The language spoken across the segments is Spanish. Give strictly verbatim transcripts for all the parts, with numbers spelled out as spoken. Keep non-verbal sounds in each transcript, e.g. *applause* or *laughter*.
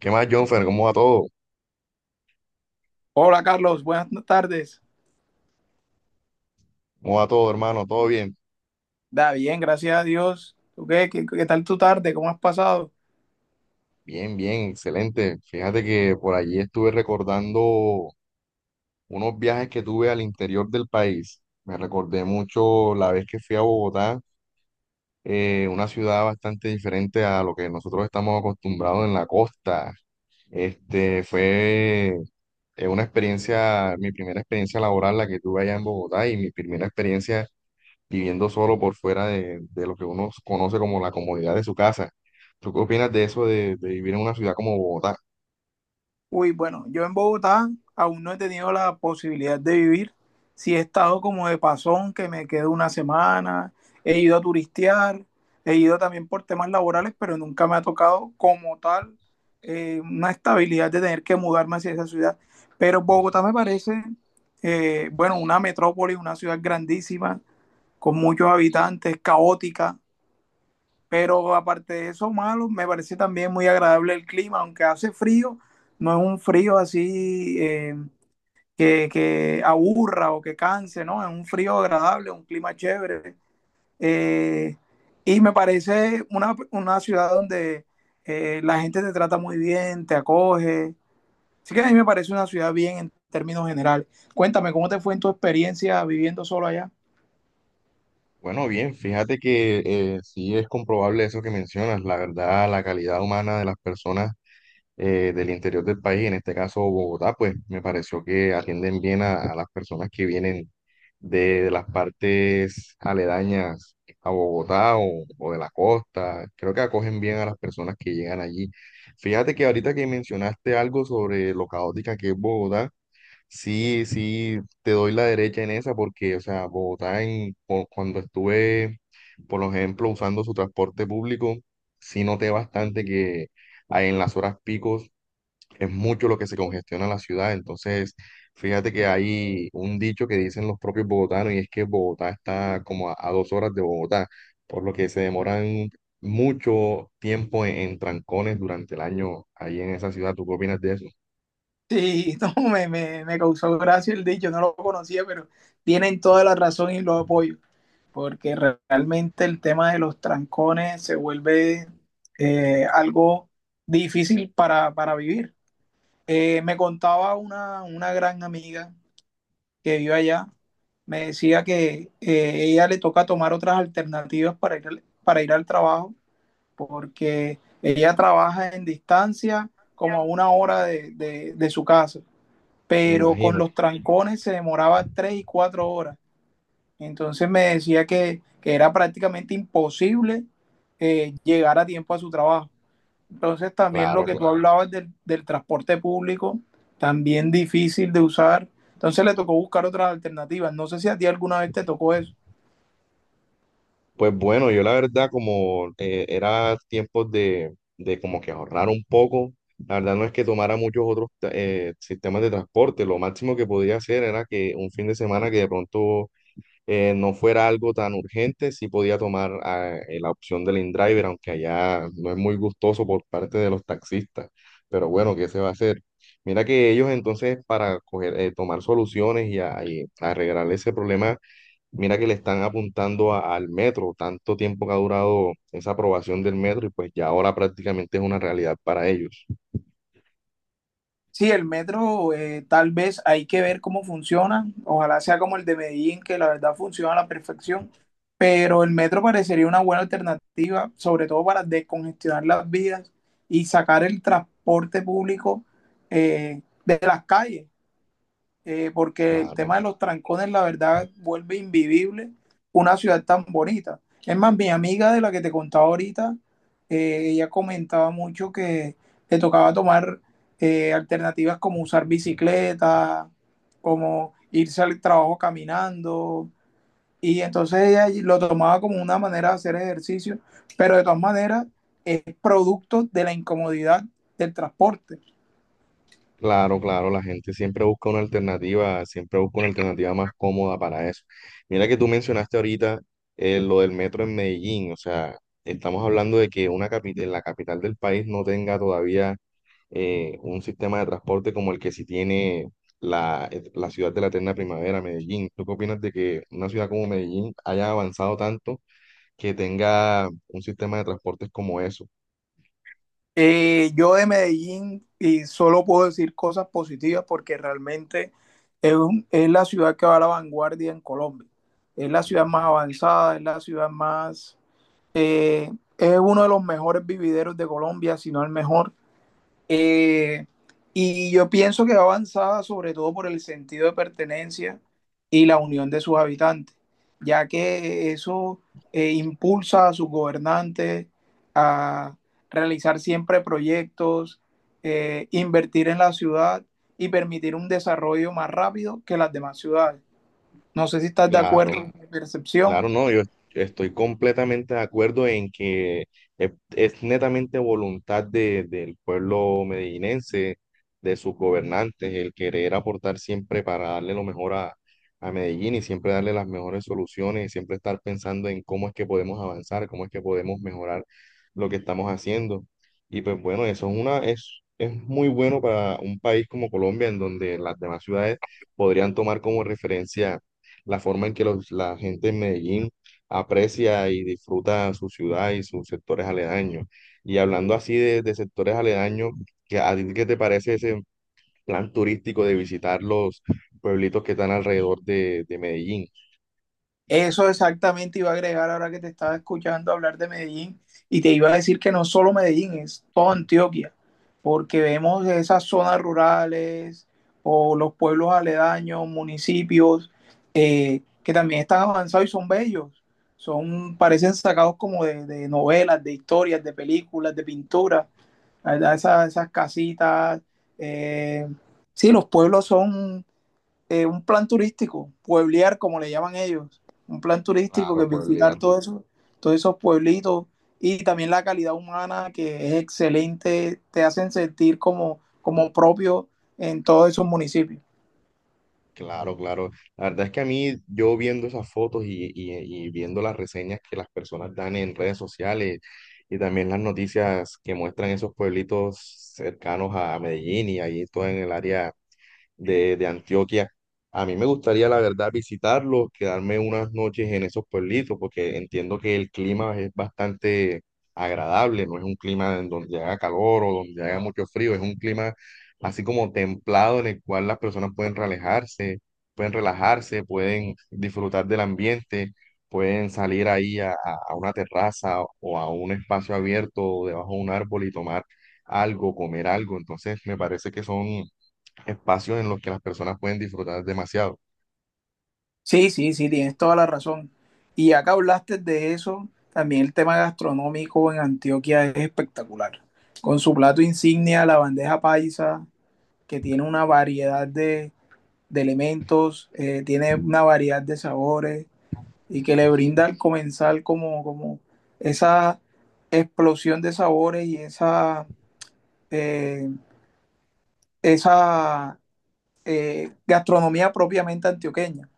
¿Qué más, Jonfer? ¿Cómo va todo? Hola Carlos, buenas tardes. ¿Cómo va todo, hermano? ¿Todo bien? Da bien, gracias a Dios. ¿Tú qué, qué, qué tal tu tarde? ¿Cómo has pasado? Bien, bien, excelente. Fíjate que por allí estuve recordando unos viajes que tuve al interior del país. Me recordé mucho la vez que fui a Bogotá, eh, una ciudad bastante diferente a lo que nosotros estamos acostumbrados en la costa. Este fue eh, una experiencia, mi primera experiencia laboral la que tuve allá en Bogotá y mi primera experiencia viviendo solo por fuera de, de lo que uno conoce como la comodidad de su casa. ¿Tú qué opinas de eso de, de vivir en una ciudad como Bogotá? Uy, bueno, yo en Bogotá aún no he tenido la posibilidad de vivir. Sí he estado como de pasón, que me quedo una semana. He ido a turistear, he ido también por temas laborales, pero nunca me ha tocado como tal, eh, una estabilidad de tener que mudarme hacia esa ciudad. Pero Bogotá me parece eh, bueno, una metrópoli, una ciudad grandísima, con muchos habitantes, caótica. Pero aparte de eso, malo, me parece también muy agradable el clima, aunque hace frío, no es un frío así eh, que, que aburra o que canse, ¿no? Es un frío agradable, un clima chévere. Eh, y me parece una, una ciudad donde eh, la gente te trata muy bien, te acoge. Así que a mí me parece una ciudad bien en términos generales. Cuéntame, ¿cómo te fue en tu experiencia viviendo solo allá? Bueno, bien, fíjate que eh, sí es comprobable eso que mencionas. La verdad, la calidad humana de las personas eh, del interior del país, en este caso Bogotá, pues me pareció que atienden bien a, a las personas que vienen de, de las partes aledañas a Bogotá o, o de la costa. Creo que acogen bien a las personas que llegan allí. Fíjate que ahorita que mencionaste algo sobre lo caótica que es Bogotá, sí, sí, te doy la derecha en esa porque, o sea, Bogotá en, cu- cuando estuve, por ejemplo, usando su transporte público, sí noté bastante que... Ahí en las horas picos es mucho lo que se congestiona la ciudad. Entonces, fíjate que hay un dicho que dicen los propios bogotanos y es que Bogotá está como a, a dos horas de Bogotá, por lo que se demoran mucho tiempo en, en trancones durante el año ahí en esa ciudad. ¿Tú qué opinas de eso? Sí, *laughs* no, me, me, me causó gracia el dicho, no lo conocía, pero tienen toda la razón y lo apoyo, porque re- realmente el tema de los trancones se vuelve eh, algo difícil para, para vivir. Eh, me contaba una, una gran amiga que vive allá. Me decía que, eh, ella le toca tomar otras alternativas para ir al, para ir al trabajo, porque ella trabaja en distancia como a una hora de de- de su casa, pero con Imagina. los trancones se demoraba tres y cuatro horas. Entonces me decía que, que era prácticamente imposible eh, llegar a tiempo a su trabajo. Entonces también lo Claro, que tú claro. hablabas del, del transporte público, también difícil de usar. Entonces le tocó buscar otras alternativas. No sé si a ti alguna vez te tocó eso. Pues bueno, yo la verdad como eh, era tiempo de, de como que ahorrar un poco, la verdad no es que tomara muchos otros eh, sistemas de transporte, lo máximo que podía hacer era que un fin de semana que de pronto eh, no fuera algo tan urgente, sí podía tomar ah, eh, la opción del InDriver, aunque allá no es muy gustoso por parte de los taxistas. Pero bueno, ¿qué se va a hacer? Mira que ellos entonces para coger, eh, tomar soluciones y, a- y arreglar ese problema, mira que le están apuntando a- al metro, tanto tiempo que ha durado esa aprobación del metro y pues ya ahora prácticamente es una realidad para ellos. Sí, el metro, eh, tal vez hay que ver cómo funciona. Ojalá sea como el de Medellín, que la verdad funciona a la perfección. Pero el metro parecería una buena alternativa, sobre todo para descongestionar las vías y sacar el transporte público eh, de las calles, eh, porque el Claro. tema de los trancones, la verdad, vuelve invivible una ciudad tan bonita. Es más, mi amiga de la que te contaba ahorita, eh, ella comentaba mucho que le tocaba tomar eh, alternativas como usar bicicleta, como irse al trabajo caminando. Y entonces ella lo tomaba como una manera de hacer ejercicio, pero de todas maneras es producto de la incomodidad del transporte. Claro, claro, la gente siempre busca una alternativa, siempre busca una alternativa más cómoda para eso. Mira que tú mencionaste ahorita eh, lo del metro en Medellín, o sea, estamos hablando de que una capital, la capital del país no tenga todavía eh, un sistema de transporte como el que sí tiene la, eh, la ciudad de la eterna primavera, Medellín. ¿Tú qué opinas de que una ciudad como Medellín haya avanzado tanto que tenga un sistema de transportes como eso? Eh, yo de Medellín y solo puedo decir cosas positivas, porque realmente es, un- es la ciudad que va a la vanguardia en Colombia. Es la ciudad más avanzada, es la ciudad más... eh, es uno de los mejores vivideros de Colombia, si no el mejor. Eh, y yo pienso que va avanzada sobre todo por el sentido de pertenencia y la unión de sus habitantes, ya que eso eh, impulsa a sus gobernantes a realizar siempre proyectos, eh, invertir en la ciudad y permitir un desarrollo más rápido que las demás ciudades. No sé si estás de Claro. acuerdo con mi percepción. Claro, no, yo estoy completamente de acuerdo en que es, es netamente voluntad de- del pueblo medellinense, de sus gobernantes, el querer aportar siempre para darle lo mejor a, a Medellín y siempre darle las mejores soluciones y siempre estar pensando en cómo es que podemos avanzar, cómo es que podemos mejorar lo que estamos haciendo. Y pues bueno, eso es una, es, es muy bueno para un país como Colombia, en donde las demás ciudades podrían tomar como referencia la forma en que los- la gente en Medellín aprecia y disfruta su ciudad y sus sectores aledaños. Y hablando así de, de sectores aledaños, ¿qué- ¿a ti qué te parece ese plan turístico de visitar los pueblitos que están alrededor de, de Medellín? Eso exactamente iba a agregar ahora que te estaba escuchando hablar de Medellín, y te iba a decir que no solo Medellín, es toda Antioquia, porque vemos esas zonas rurales o los pueblos aledaños, municipios eh, que también están avanzados y son bellos, son, parecen sacados como de, de novelas, de historias, de películas, de pintura, la verdad, esas, esas casitas, eh, sí, los pueblos son eh, un plan turístico, pueblear como le llaman ellos, un plan turístico Claro, que pueblear. visitar todo eso, todos esos pueblitos, y también la calidad humana que es excelente, te hacen sentir como, como propio en todos esos municipios. Claro, claro. La verdad es que a mí, yo viendo esas fotos y, y y viendo las reseñas que las personas dan en redes sociales, y también las noticias que muestran esos pueblitos cercanos a Medellín y ahí todo en el área de, de Antioquia. A mí me gustaría, la verdad, visitarlos, quedarme unas noches en esos pueblitos, porque entiendo que el clima es bastante agradable, no es un clima en donde haga calor o donde haga mucho frío, es un clima así como templado en el cual las personas pueden relajarse, pueden relajarse, pueden disfrutar del ambiente, pueden salir ahí a, a a una terraza o a un espacio abierto o debajo de un árbol y tomar algo, comer algo. Entonces, me parece que son espacios en los que las personas pueden disfrutar demasiado. Sí, sí, sí, tienes toda la razón. Y acá hablaste de eso, también el tema gastronómico en Antioquia es espectacular. Con su plato insignia, la bandeja paisa, que tiene una variedad de, de elementos, eh, tiene una variedad de sabores, y que le brinda al comenzar como, como esa explosión de sabores y esa, eh, esa eh, gastronomía propiamente antioqueña.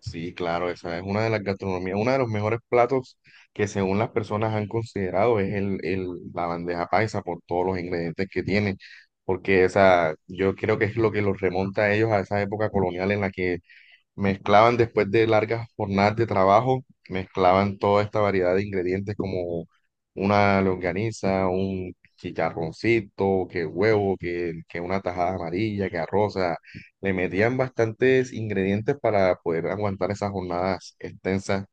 Sí, claro, esa es una de las gastronomías, uno de los mejores platos que según las personas han considerado es el, el- la bandeja paisa por todos los ingredientes que tiene, porque esa, yo creo que es lo que los remonta a ellos a esa época colonial en la que mezclaban después de largas jornadas de trabajo, mezclaban toda esta variedad de ingredientes como una longaniza, un chicharroncito, que huevo, que, que una tajada amarilla, que arroz, o sea, le metían bastantes ingredientes para poder aguantar esas jornadas extensas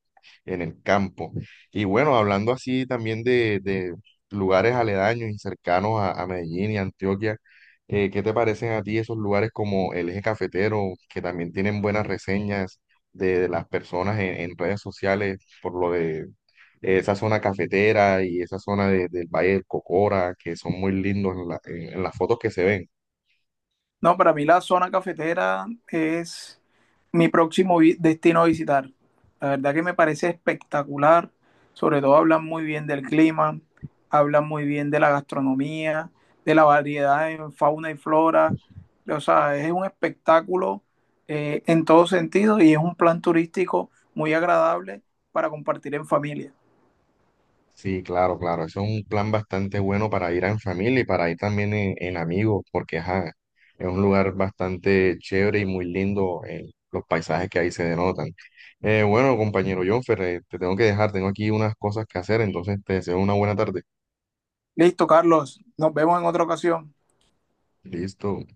en el campo. Y bueno, hablando así también de, de lugares aledaños y cercanos a, a Medellín y Antioquia, eh, ¿qué te parecen a ti esos lugares como el Eje Cafetero, que también tienen buenas reseñas de, de las personas en, en redes sociales por lo de esa zona cafetera y esa zona de- del Valle del Cocora, que son muy lindos en la- en en las fotos que se ven? No, para mí la zona cafetera es mi próximo vi- destino a visitar. La verdad que me parece espectacular. Sobre todo hablan muy bien del clima, hablan muy bien de la gastronomía, de la variedad en fauna y flora. O sea, es un espectáculo, eh, en todo sentido, y es un plan turístico muy agradable para compartir en familia. Sí, claro, claro. Eso es un plan bastante bueno para ir en familia y para ir también en, en amigos, porque ajá, es un lugar bastante chévere y muy lindo, eh, los paisajes que ahí se denotan. Eh, bueno, compañero Jonfer, eh, te tengo que dejar, tengo aquí unas cosas que hacer, entonces te deseo una buena tarde. Listo, Carlos. Nos vemos en otra ocasión. Listo.